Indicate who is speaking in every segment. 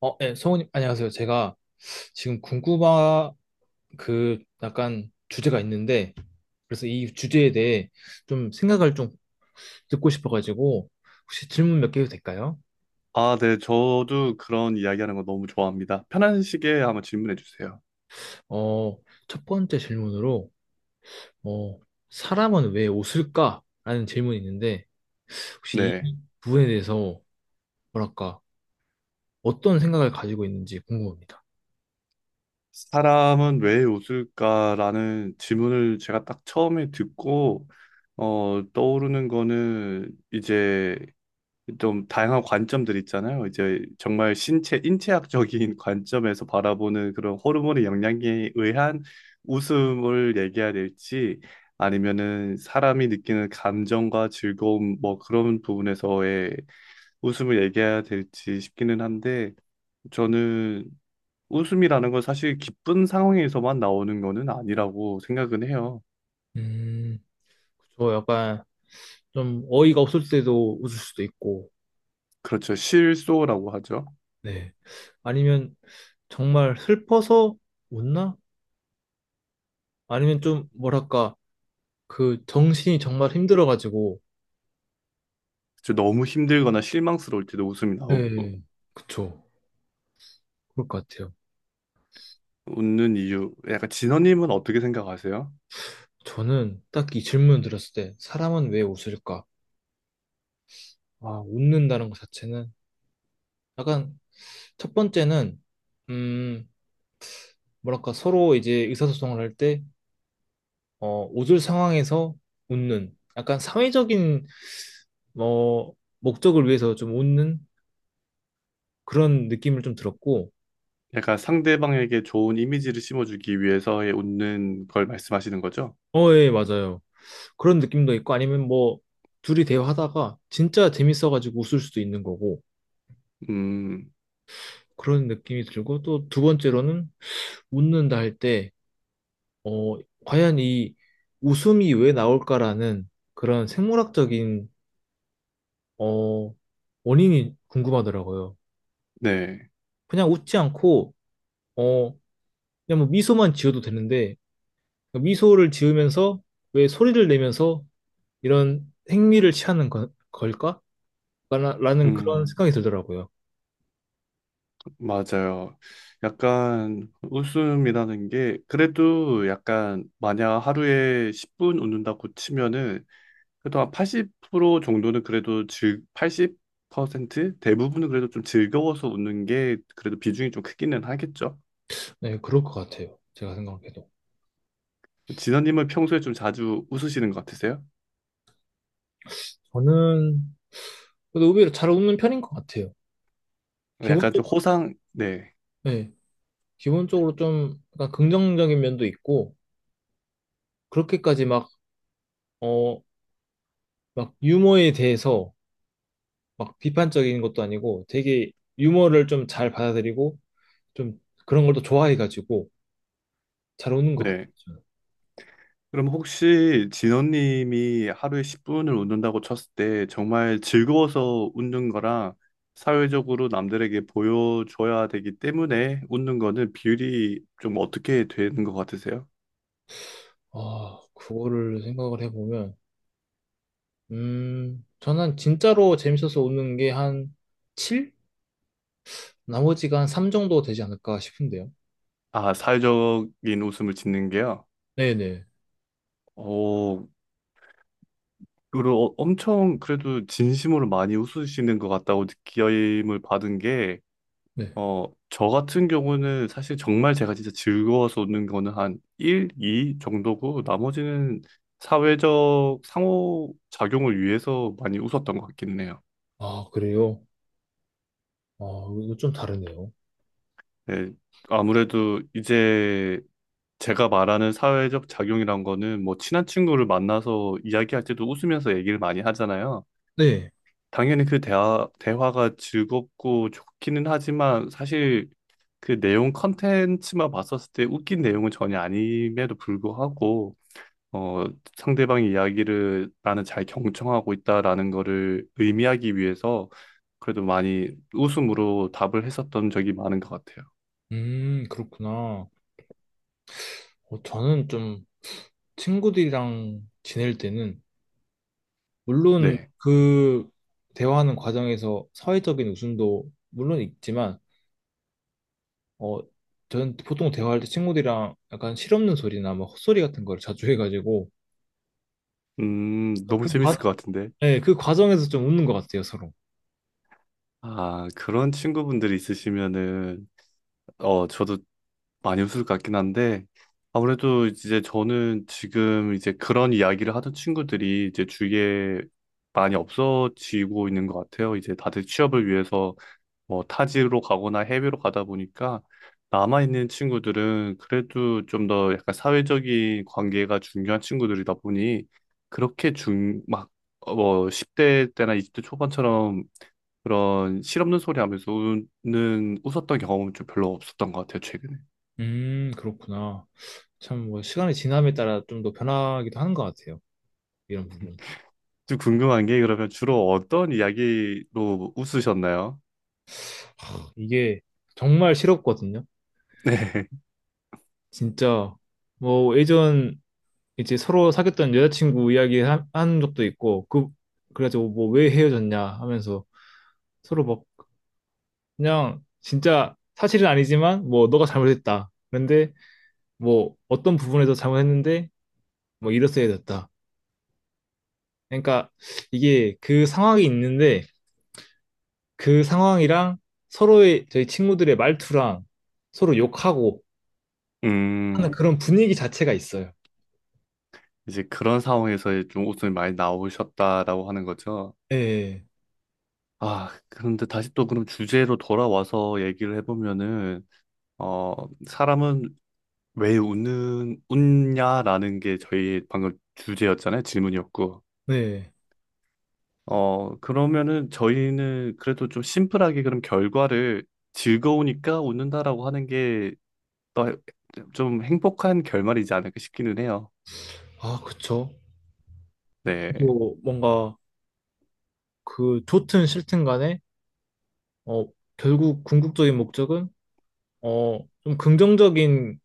Speaker 1: 네, 성우님, 안녕하세요. 제가 지금 궁금한 그 약간 주제가 있는데, 그래서 이 주제에 대해 좀 생각을 좀 듣고 싶어가지고, 혹시 질문 몇 개 해도 될까요?
Speaker 2: 아, 네. 저도 그런 이야기하는 거 너무 좋아합니다. 편한 시기에 한번 질문해 주세요.
Speaker 1: 어, 첫 번째 질문으로, 어, 사람은 왜 웃을까? 라는 질문이 있는데, 혹시
Speaker 2: 네.
Speaker 1: 이 부분에 대해서 뭐랄까, 어떤 생각을 가지고 있는지 궁금합니다.
Speaker 2: 사람은 왜 웃을까라는 질문을 제가 딱 처음에 듣고, 떠오르는 거는 이제 좀 다양한 관점들 있잖아요. 이제 정말 신체, 인체학적인 관점에서 바라보는 그런 호르몬의 영향에 의한 웃음을 얘기해야 될지, 아니면은 사람이 느끼는 감정과 즐거움, 뭐 그런 부분에서의 웃음을 얘기해야 될지 싶기는 한데 저는 웃음이라는 건 사실 기쁜 상황에서만 나오는 거는 아니라고 생각은 해요.
Speaker 1: 음, 저 약간 좀 어이가 없을 때도 웃을 수도 있고,
Speaker 2: 그렇죠. 실소라고 하죠.
Speaker 1: 네. 아니면 정말 슬퍼서 웃나? 아니면 좀 뭐랄까 그 정신이 정말 힘들어가지고
Speaker 2: 그렇죠. 너무 힘들거나 실망스러울 때도 웃음이 나오고
Speaker 1: 네. 그쵸. 그럴 것 같아요.
Speaker 2: 웃는 이유. 약간 진호님은 어떻게 생각하세요?
Speaker 1: 저는 딱 이 질문 들었을 때 사람은 왜 웃을까? 아, 웃는다는 것 자체는 약간 첫 번째는 음, 뭐랄까 서로 이제 의사소통을 할 때 웃을 상황에서 웃는 약간 사회적인 뭐 목적을 위해서 좀 웃는 그런 느낌을 좀 들었고
Speaker 2: 약간 상대방에게 좋은 이미지를 심어주기 위해서의 웃는 걸 말씀하시는 거죠?
Speaker 1: 예, 맞아요. 그런 느낌도 있고 아니면 뭐 둘이 대화하다가 진짜 재밌어가지고 웃을 수도 있는 거고
Speaker 2: 음,
Speaker 1: 그런 느낌이 들고 또 두 번째로는 웃는다 할 때, 어, 과연 이 웃음이 왜 나올까라는 그런 생물학적인, 어, 원인이 궁금하더라고요.
Speaker 2: 네.
Speaker 1: 그냥 웃지 않고, 어, 그냥 뭐 미소만 지어도 되는데 미소를 지으면서 왜 소리를 내면서 이런 행미를 취하는 걸까? 라는 그런
Speaker 2: 음.
Speaker 1: 생각이 들더라고요.
Speaker 2: 맞아요. 약간 웃음이라는 게 그래도 약간 만약 하루에 10분 웃는다고 치면은 그래도 한 80% 정도는 그래도 즐 80% 대부분은 그래도 좀 즐거워서 웃는 게 그래도 비중이 좀 크기는 하겠죠.
Speaker 1: 네, 그럴 것 같아요. 제가 생각해도.
Speaker 2: 진원님은 평소에 좀 자주 웃으시는 것 같으세요?
Speaker 1: 저는 그래도 의외로 잘 웃는 편인 것 같아요.
Speaker 2: 약간 좀
Speaker 1: 기본적으로,
Speaker 2: 호상 네.
Speaker 1: 네, 기본적으로 좀 약간 긍정적인 면도 있고, 그렇게까지 막, 어, 막 유머에 대해서 막 비판적인 것도 아니고 되게 유머를 좀 잘 받아들이고 좀 그런 걸 또 좋아해가지고 잘 웃는 것 같아요.
Speaker 2: 네.
Speaker 1: 저는.
Speaker 2: 그럼 혹시 진원님이 하루에 10분을 웃는다고 쳤을 때 정말 즐거워서 웃는 거랑 사회적으로 남들에게 보여줘야 되기 때문에 웃는 거는 비율이 좀 어떻게 되는 것 같으세요?
Speaker 1: 아, 그거를 생각을 해보면, 저는 진짜로 재밌어서 웃는 게 한 7? 나머지가 한 3 정도 되지 않을까 싶은데요.
Speaker 2: 아, 사회적인 웃음을 짓는 게요?
Speaker 1: 네네.
Speaker 2: 어, 그리고 엄청 그래도 진심으로 많이 웃으시는 것 같다고 느낌을 받은 게
Speaker 1: 네.
Speaker 2: 저 같은 경우는 사실 정말 제가 진짜 즐거워서 오는 거는 한 1, 2 정도고 나머지는 사회적 상호작용을 위해서 많이 웃었던 것 같긴 해요.
Speaker 1: 아, 그래요? 아, 이거 좀 다르네요.
Speaker 2: 네, 아무래도 이제 제가 말하는 사회적 작용이란 거는 뭐 친한 친구를 만나서 이야기할 때도 웃으면서 얘기를 많이 하잖아요.
Speaker 1: 네.
Speaker 2: 당연히 그 대화가 즐겁고 좋기는 하지만 사실 그 내용 컨텐츠만 봤었을 때 웃긴 내용은 전혀 아님에도 불구하고 어, 상대방의 이야기를 나는 잘 경청하고 있다라는 거를 의미하기 위해서 그래도 많이 웃음으로 답을 했었던 적이 많은 것 같아요.
Speaker 1: 그렇구나. 저는 좀 친구들이랑 지낼 때는, 물론
Speaker 2: 네.
Speaker 1: 그 대화하는 과정에서 사회적인 웃음도 물론 있지만, 어, 저는 보통 대화할 때 친구들이랑 약간 실없는 소리나 막 헛소리 같은 걸 자주 해가지고,
Speaker 2: 너무
Speaker 1: 그 과,
Speaker 2: 재밌을 것 같은데.
Speaker 1: 네, 그 과정에서 좀 웃는 것 같아요, 서로.
Speaker 2: 아, 그런 친구분들이 있으시면은, 저도 많이 웃을 것 같긴 한데, 아무래도 이제 저는 지금 이제 그런 이야기를 하던 친구들이 이제 주위에 많이 없어지고 있는 것 같아요. 이제 다들 취업을 위해서 뭐 타지로 가거나 해외로 가다 보니까 남아있는 친구들은 그래도 좀 더 약간 사회적인 관계가 중요한 친구들이다 보니 그렇게 막, 뭐 10대 때나 20대 초반처럼 그런 실없는 소리 하면서 웃었던 경험은 좀 별로 없었던 것 같아요, 최근에.
Speaker 1: 그렇구나. 참, 뭐, 시간이 지남에 따라 좀 더 변하기도 하는 것 같아요. 이런
Speaker 2: 음.
Speaker 1: 부분.
Speaker 2: 좀 궁금한 게 그러면 주로 어떤 이야기로 웃으셨나요?
Speaker 1: 이게 정말 싫었거든요.
Speaker 2: 네.
Speaker 1: 진짜 뭐 예전 이제 서로 사귀었던 여자친구 이야기 한 적도 있고 그 그래가지고 뭐 왜 헤어졌냐 하면서 서로 막 그냥 진짜 사실은 아니지만 뭐 너가 잘못했다. 그런데 뭐 어떤 부분에서 잘못했는데 뭐 이랬어야 됐다. 그러니까 이게 그 상황이 있는데 그 상황이랑 서로의 저희 친구들의 말투랑 서로 욕하고 하는
Speaker 2: 음,
Speaker 1: 그런 분위기 자체가 있어요.
Speaker 2: 이제 그런 상황에서 좀 웃음이 많이 나오셨다라고 하는 거죠.
Speaker 1: 네,
Speaker 2: 아, 그런데 다시 또 그럼 주제로 돌아와서 얘기를 해보면은, 어, 사람은 왜 웃냐라는 게 저희 방금 주제였잖아요. 질문이었고.
Speaker 1: 네.
Speaker 2: 그러면은 저희는 그래도 좀 심플하게 그럼 결과를 즐거우니까 웃는다라고 하는 게 좀 행복한 결말이지 않을까 싶기는 해요.
Speaker 1: 아, 그쵸.
Speaker 2: 네.
Speaker 1: 또 뭔가 그 좋든 싫든 간에 어 결국 궁극적인 목적은 좀 긍정적인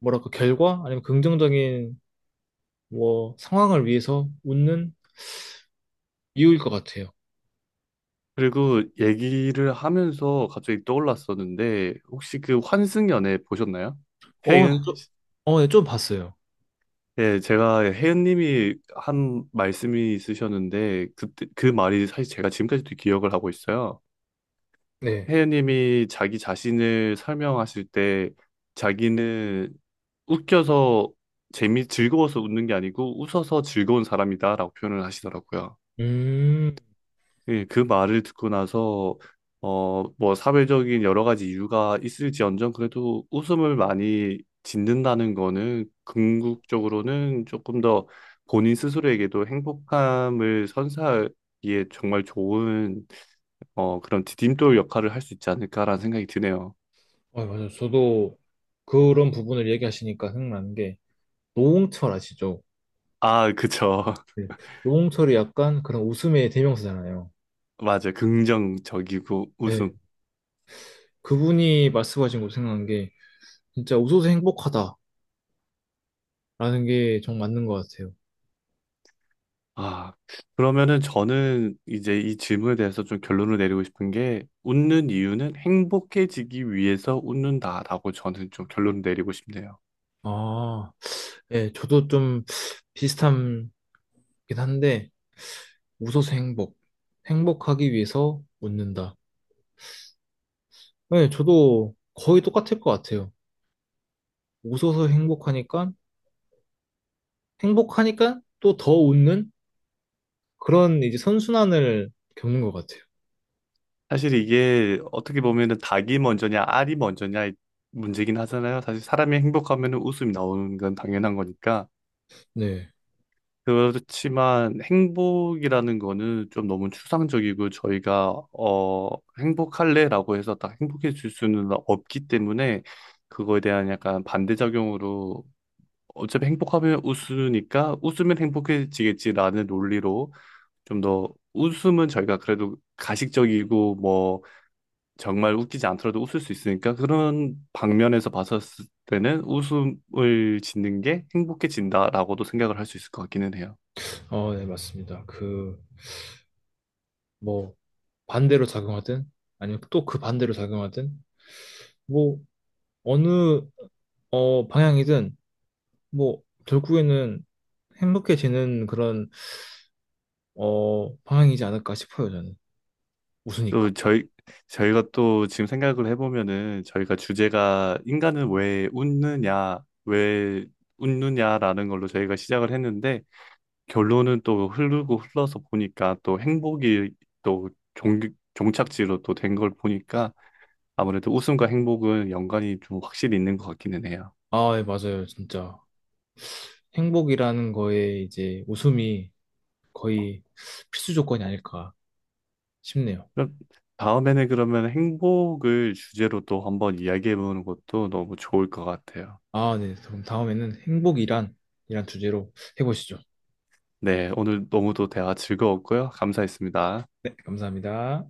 Speaker 1: 뭐랄까 결과 아니면 긍정적인 뭐 상황을 위해서 웃는 이유일 것 같아요.
Speaker 2: 그리고 얘기를 하면서 갑자기 떠올랐었는데, 혹시 그 환승연애 보셨나요?
Speaker 1: 어,
Speaker 2: 해은?
Speaker 1: 네, 좀 봤어요.
Speaker 2: 예, 제가 혜은님이 한 말씀이 있으셨는데 그때 그 말이 사실 제가 지금까지도 기억을 하고 있어요.
Speaker 1: 네.
Speaker 2: 혜은님이 자기 자신을 설명하실 때 자기는 웃겨서 재미 즐거워서 웃는 게 아니고 웃어서 즐거운 사람이다라고 표현을 하시더라고요.
Speaker 1: 음,
Speaker 2: 예, 그 말을 듣고 나서 뭐 사회적인 여러 가지 이유가 있을지언정 그래도 웃음을 많이 짓는다는 거는 궁극적으로는 조금 더 본인 스스로에게도 행복함을 선사하기에 정말 좋은 그런 디딤돌 역할을 할 수 있지 않을까라는 생각이 드네요.
Speaker 1: 아, 맞아요. 저도 그런 부분을 얘기하시니까 생각나는 게 노홍철 아시죠?
Speaker 2: 아, 그쵸.
Speaker 1: 네. 노홍철이 약간 그런 웃음의 대명사잖아요.
Speaker 2: 맞아요. 긍정적이고
Speaker 1: 네.
Speaker 2: 웃음.
Speaker 1: 그분이 말씀하신 거 생각난 게 진짜 웃어서 행복하다. 라는 게 정 맞는 것 같아요.
Speaker 2: 아, 그러면은 저는 이제 이 질문에 대해서 좀 결론을 내리고 싶은 게 웃는 이유는 행복해지기 위해서 웃는다라고 저는 좀 결론을 내리고 싶네요.
Speaker 1: 아, 예, 저도 좀 비슷하긴 한데, 웃어서 행복. 행복하기 위해서 웃는다. 예, 저도 거의 똑같을 것 같아요. 웃어서 행복하니까, 행복하니까 또 더 웃는 그런 이제 선순환을 겪는 것 같아요.
Speaker 2: 사실 이게 어떻게 보면은 닭이 먼저냐 알이 먼저냐 문제긴 하잖아요. 사실 사람이 행복하면은 웃음이 나오는 건 당연한 거니까.
Speaker 1: 네.
Speaker 2: 그렇지만 행복이라는 거는 좀 너무 추상적이고 저희가 행복할래라고 해서 딱 행복해질 수는 없기 때문에 그거에 대한 약간 반대작용으로 어차피 행복하면 웃으니까 웃으면 행복해지겠지라는 논리로 좀 더 웃음은 저희가 그래도 가식적이고 뭐 정말 웃기지 않더라도 웃을 수 있으니까 그런 방면에서 봤었을 때는 웃음을 짓는 게 행복해진다라고도 생각을 할 수 있을 것 같기는 해요.
Speaker 1: 네, 맞습니다. 그, 뭐, 반대로 작용하든, 아니면 또 그 반대로 작용하든, 뭐, 어느, 방향이든 뭐 결국에는 행복해지는 그런 방향이지 않을까 싶어요 저는
Speaker 2: 또
Speaker 1: 웃으니까
Speaker 2: 저희가 또 지금 생각을 해보면은 저희가 주제가 인간은 왜 웃느냐라는 걸로 저희가 시작을 했는데 결론은 또 흐르고 흘러서 보니까 또 행복이 또 종, 종착지로 또 된 걸 보니까 아무래도 웃음과 행복은 연관이 좀 확실히 있는 것 같기는 해요.
Speaker 1: 아 예, 맞아요 진짜 행복이라는 거에 이제 웃음이 거의 필수 조건이 아닐까 싶네요
Speaker 2: 그럼 다음에는 그러면 행복을 주제로 또 한번 이야기해보는 것도 너무 좋을 것 같아요.
Speaker 1: 아 네 그럼 다음에는 행복이란 이란 주제로 해보시죠
Speaker 2: 네, 오늘 너무도 대화 즐거웠고요. 감사했습니다.
Speaker 1: 네 감사합니다